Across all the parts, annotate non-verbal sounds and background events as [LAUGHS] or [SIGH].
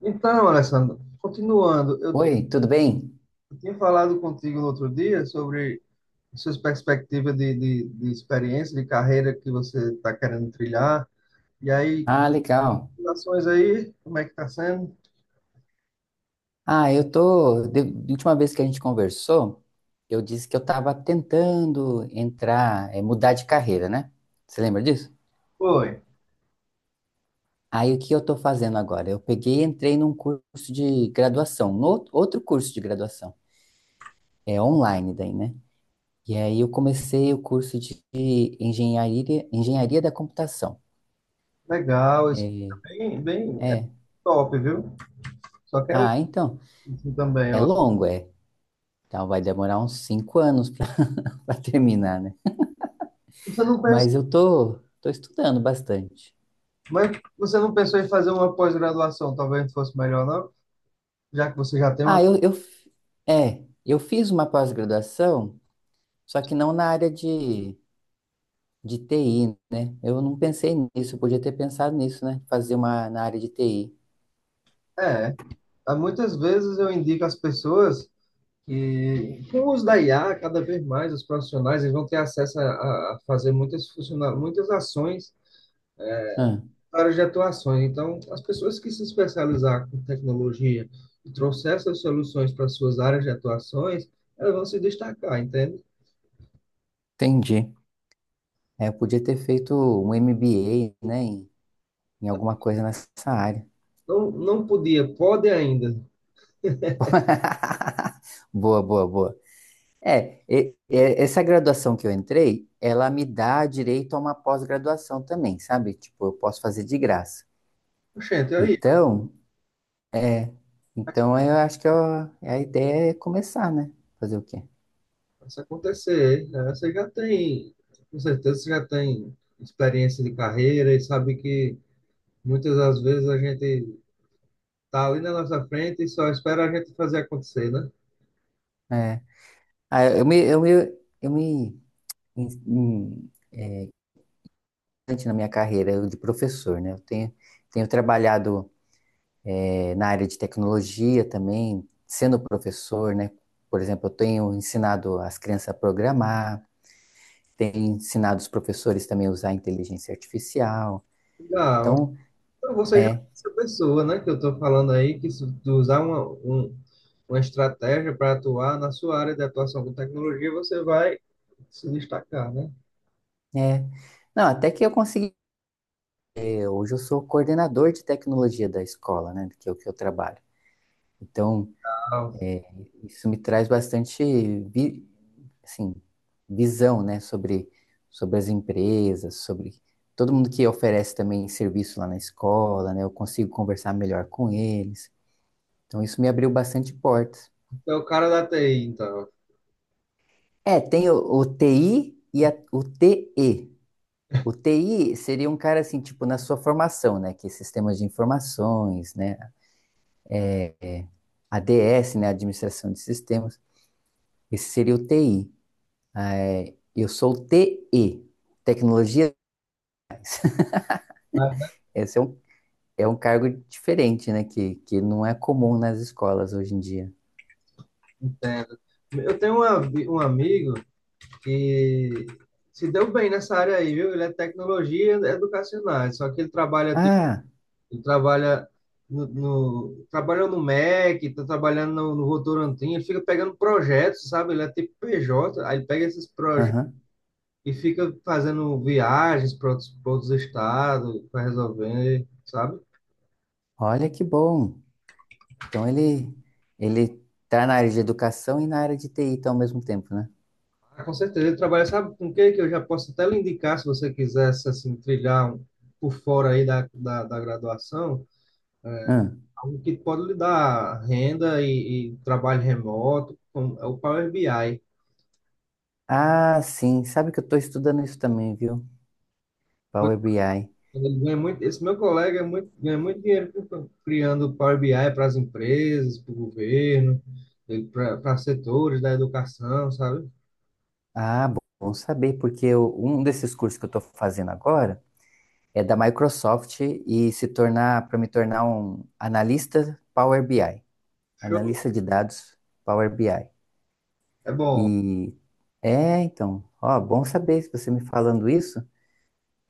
Então, Alessandro, continuando, Oi, tudo bem? eu tinha falado contigo no outro dia sobre suas perspectivas de experiência, de carreira que você está querendo trilhar. E aí, Ah, legal. ações aí, como é que está sendo? Ah, eu tô. De última vez que a gente conversou, eu disse que eu estava tentando entrar, mudar de carreira, né? Você lembra disso? Foi, Aí o que eu tô fazendo agora? Eu peguei e entrei num curso de graduação, no, outro curso de graduação. É online daí, né? E aí eu comecei o curso de engenharia da computação. legal, isso É, é bem, bem, é. top, viu? Só quero Ah, então. isso também, É ó. longo, é. Então vai demorar uns 5 anos [LAUGHS] para terminar, né? Você não pensa, Mas tô estudando bastante. mas você não pensou em fazer uma pós-graduação, talvez fosse melhor, não? Já que você já tem Ah, uma. eu, eu, eu fiz uma pós-graduação, só que não na área de TI, né? Eu não pensei nisso, eu podia ter pensado nisso, né? Fazer uma na área de TI. É, há muitas vezes eu indico às pessoas. E com o uso da IA, cada vez mais os profissionais eles vão ter acesso a fazer muitas, muitas ações, Ah, para de atuações. Então, as pessoas que se especializar com tecnologia e trouxer essas soluções para suas áreas de atuações, elas vão se destacar, entende? entendi. É, eu podia ter feito um MBA, né? Em alguma coisa nessa área. Então, não podia, pode ainda. [LAUGHS] Boa, boa, boa. Essa graduação que eu entrei, ela me dá direito a uma pós-graduação também, sabe? Tipo, eu posso fazer de graça. Gente, aí, Então, é. Então eu acho que eu- a ideia é começar, né? Fazer o quê? mas se acontecer, né, você já tem, com certeza, você já tem experiência de carreira e sabe que muitas das vezes a gente tá ali na nossa frente e só espera a gente fazer acontecer, né? É. Ah, eu me, eu me, eu me in- in- Antes na minha carreira de professor, né? Tenho trabalhado na área de tecnologia também, sendo professor, né? Por exemplo, eu tenho ensinado as crianças a programar, tenho ensinado os professores também a usar inteligência artificial. Legal. Então, Então você já é é, essa pessoa, né, que eu tô falando aí, que se tu usar uma estratégia para atuar na sua área de atuação com tecnologia, você vai se destacar, né? é. Não, até que eu consegui. Hoje eu sou coordenador de tecnologia da escola, né, que é o que eu trabalho. Então, Legal. isso me traz bastante vi, assim, visão, né, sobre as empresas, sobre todo mundo que oferece também serviço lá na escola, né, eu consigo conversar melhor com eles. Então, isso me abriu bastante portas. Então, o cara da TI, então. É, tem o TI e o TE. O TI seria um cara assim, tipo, na sua formação, né, que é sistemas de informações, né, ADS, né, administração de sistemas. Esse seria o TI. É, eu sou o TE. Tecnologia, Ah, esse é é um cargo diferente, né? Que não é comum nas escolas hoje em dia. entendo. Eu tenho um amigo que se deu bem nessa área aí, viu? Ele é tecnologia educacional, só que Ah, ele trabalha no, trabalhou no MEC, tá trabalhando no Votorantim, ele fica pegando projetos, sabe? Ele é tipo PJ, aí ele pega esses projetos aham. e fica fazendo viagens para outros, pra outros estados, para resolver, sabe? Olha que bom. Então ele tá na área de educação e na área de TI tá ao mesmo tempo, né? Ah, com certeza, ele trabalha, sabe com o que que eu já posso até lhe indicar, se você quisesse, assim, por fora aí da graduação, Hum. algo que pode lhe dar renda e trabalho remoto, como é o Power BI. Ah, sim. Sabe que eu tô estudando isso também, viu? Power BI. Ele ganha muito, esse meu colega é muito, ganha muito dinheiro criando Power BI para as empresas, para o governo, para setores da educação, sabe? Ah, bom saber, porque um desses cursos que eu tô fazendo agora é da Microsoft e se tornar para me tornar um analista Power BI, Show. analista de dados Power BI. É bom. E é, então, ó, bom saber se você me falando isso,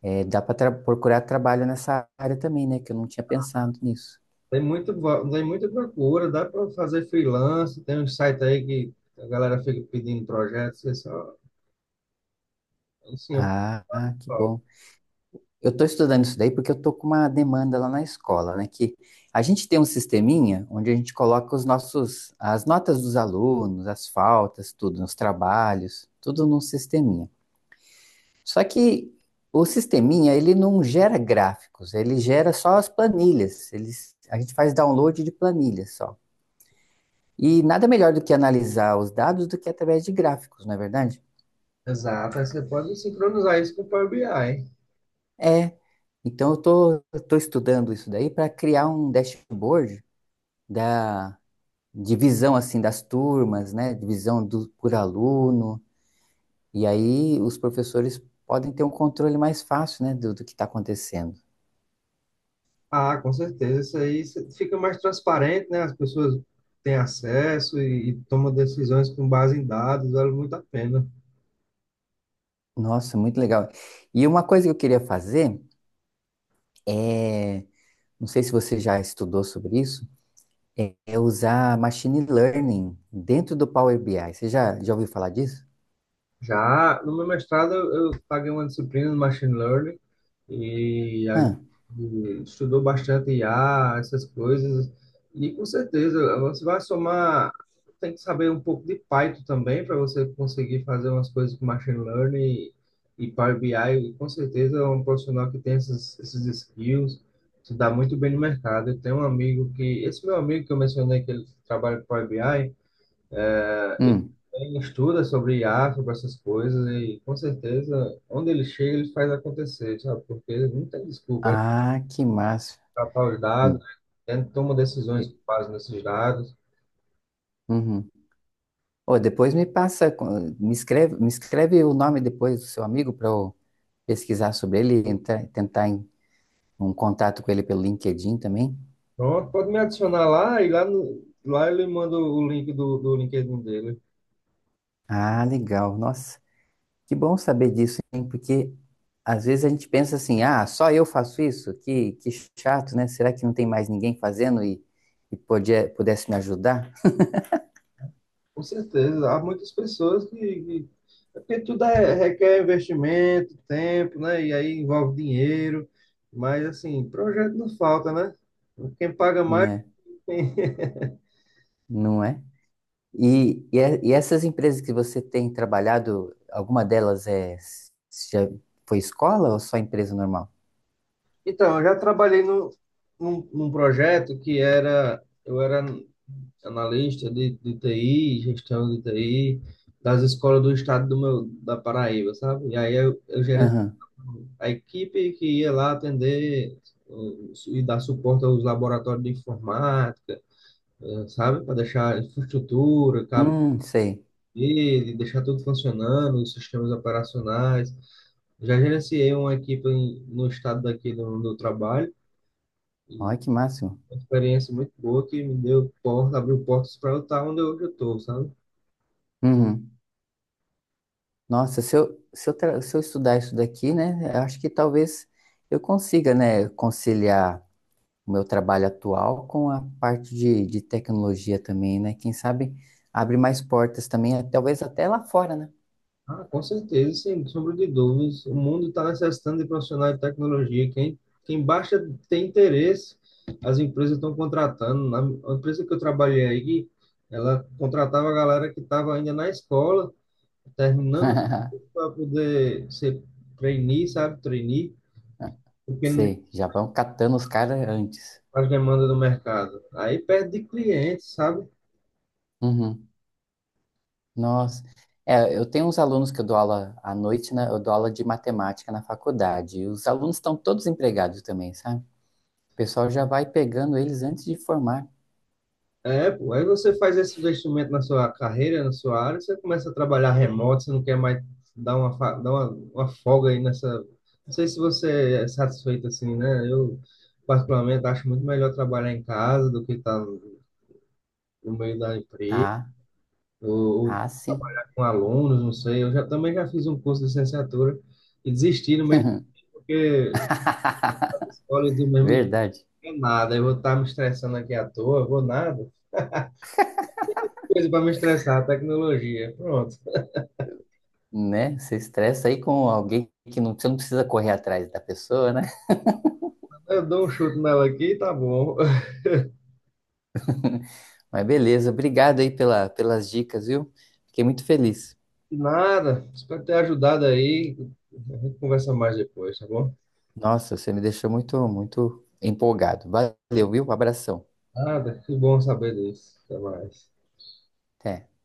é, dá para procurar trabalho nessa área também, né? Que eu não tinha pensado nisso. Tem muito, tem muita procura, dá para fazer freelance, tem um site aí que a galera fica pedindo projetos, é só assim, eu Ah, que falo. bom. Eu estou estudando isso daí porque eu estou com uma demanda lá na escola, né? Que a gente tem um sisteminha onde a gente coloca as notas dos alunos, as faltas, tudo, os trabalhos, tudo num sisteminha. Só que o sisteminha, ele não gera gráficos, ele gera só as planilhas. A gente faz download de planilhas só. E nada melhor do que analisar os dados do que através de gráficos, não é verdade? Exato, aí você pode sincronizar isso com o Power BI. É. Então eu tô estudando isso daí para criar um dashboard da divisão assim das turmas, né? Divisão do, por aluno. E aí os professores podem ter um controle mais fácil, né, do que está acontecendo. Ah, com certeza. Isso aí fica mais transparente, né? As pessoas têm acesso e tomam decisões com base em dados, vale muito a pena. Nossa, muito legal. E uma coisa que eu queria fazer é, não sei se você já estudou sobre isso, é usar machine learning dentro do Power BI. Você já ouviu falar disso? Já no meu mestrado, eu paguei uma disciplina de Machine Learning e a gente Ah, estudou bastante IA, essas coisas. E com certeza, você vai somar, tem que saber um pouco de Python também para você conseguir fazer umas coisas com Machine Learning e Power BI. E com certeza, é um profissional que tem essas, esses skills se dá muito bem no mercado. Eu tenho um amigo que, esse meu amigo que eu mencionei que ele trabalha com Power BI, ele hum. também estuda sobre IA, sobre essas coisas, e com certeza, onde ele chega, ele faz acontecer, sabe? Porque não tem desculpa, ele Ah, que massa. tratar os dados, Hum. né? Ele toma decisões com base nesses dados. Uhum. Ô, depois me passa, me escreve o nome depois do seu amigo para eu pesquisar sobre ele e tentar um contato com ele pelo LinkedIn também. Pronto, pode me adicionar lá, e lá, no, lá ele manda o link do LinkedIn dele. Ah, legal. Nossa. Que bom saber disso, hein? Porque às vezes a gente pensa assim, ah, só eu faço isso? Que chato, né? Será que não tem mais ninguém fazendo e pudesse me ajudar? Com certeza, há muitas pessoas que é porque tudo é, requer investimento, tempo, né? E aí envolve dinheiro, mas assim, projeto não falta, né? Quem paga mais Né? [LAUGHS] Não é? E essas empresas que você tem trabalhado, alguma delas é já foi escola ou só empresa normal? Então, eu já trabalhei no, num, num projeto que era, eu era analista de TI, gestão de TI, das escolas do estado do meu, da Paraíba, sabe? E aí eu gerenciava Aham. a equipe que ia lá atender e dar suporte aos laboratórios de informática, sabe? Para deixar a infraestrutura, cabo Sei. rede, deixar tudo funcionando, os sistemas operacionais. Já gerenciei uma equipe no estado daqui do trabalho, Olha que máximo. uma experiência muito boa que me deu porta, abriu portas para eu estar onde hoje eu estou, sabe? Uhum. Nossa, se eu estudar isso daqui, né? Eu acho que talvez eu consiga, né, conciliar o meu trabalho atual com a parte de tecnologia também, né? Quem sabe abre mais portas também, talvez até lá fora, né? Ah, com certeza, sem sombra de dúvidas. O mundo está necessitando de profissionais de tecnologia. Quem baixa tem interesse, as empresas estão contratando. Na A empresa que eu trabalhei aí, ela contratava a galera que estava ainda na escola, terminando [LAUGHS] para poder ser trainee, sabe? Trainee, porque não Sei, já vão catando os caras antes. faz demanda do mercado. Aí perde de clientes, sabe? Uhum. Nossa. É, eu tenho uns alunos que eu dou aula à noite, né? Eu dou aula de matemática na faculdade. E os alunos estão todos empregados também, sabe? O pessoal já vai pegando eles antes de formar. É, pô, aí você faz esse investimento na sua carreira, na sua área, você começa a trabalhar remoto, você não quer mais dar uma folga aí nessa. Não sei se você é satisfeito assim, né? Eu, particularmente, acho muito melhor trabalhar em casa do que estar no meio da empresa, Ah, ou, ou ah, sim. trabalhar com alunos, não sei. Também já fiz um curso de licenciatura e desisti no meio, porque a escola eu [LAUGHS] digo mesmo, Verdade. não é nada, eu vou estar me estressando aqui à toa, vou nada. Coisa para me estressar, tecnologia, pronto. Né? Você estressa aí com alguém que não, você não precisa correr atrás da pessoa, né? Eu dou um chute nela aqui, tá bom. [LAUGHS] [LAUGHS] Mas beleza, obrigado aí pela, pelas dicas, viu? Fiquei muito feliz. Nada, espero ter ajudado aí. A gente conversa mais depois, tá bom? Nossa, você me deixou muito, muito empolgado. Valeu, viu? Abração. Nada, que bom saber disso. Até mais. Até.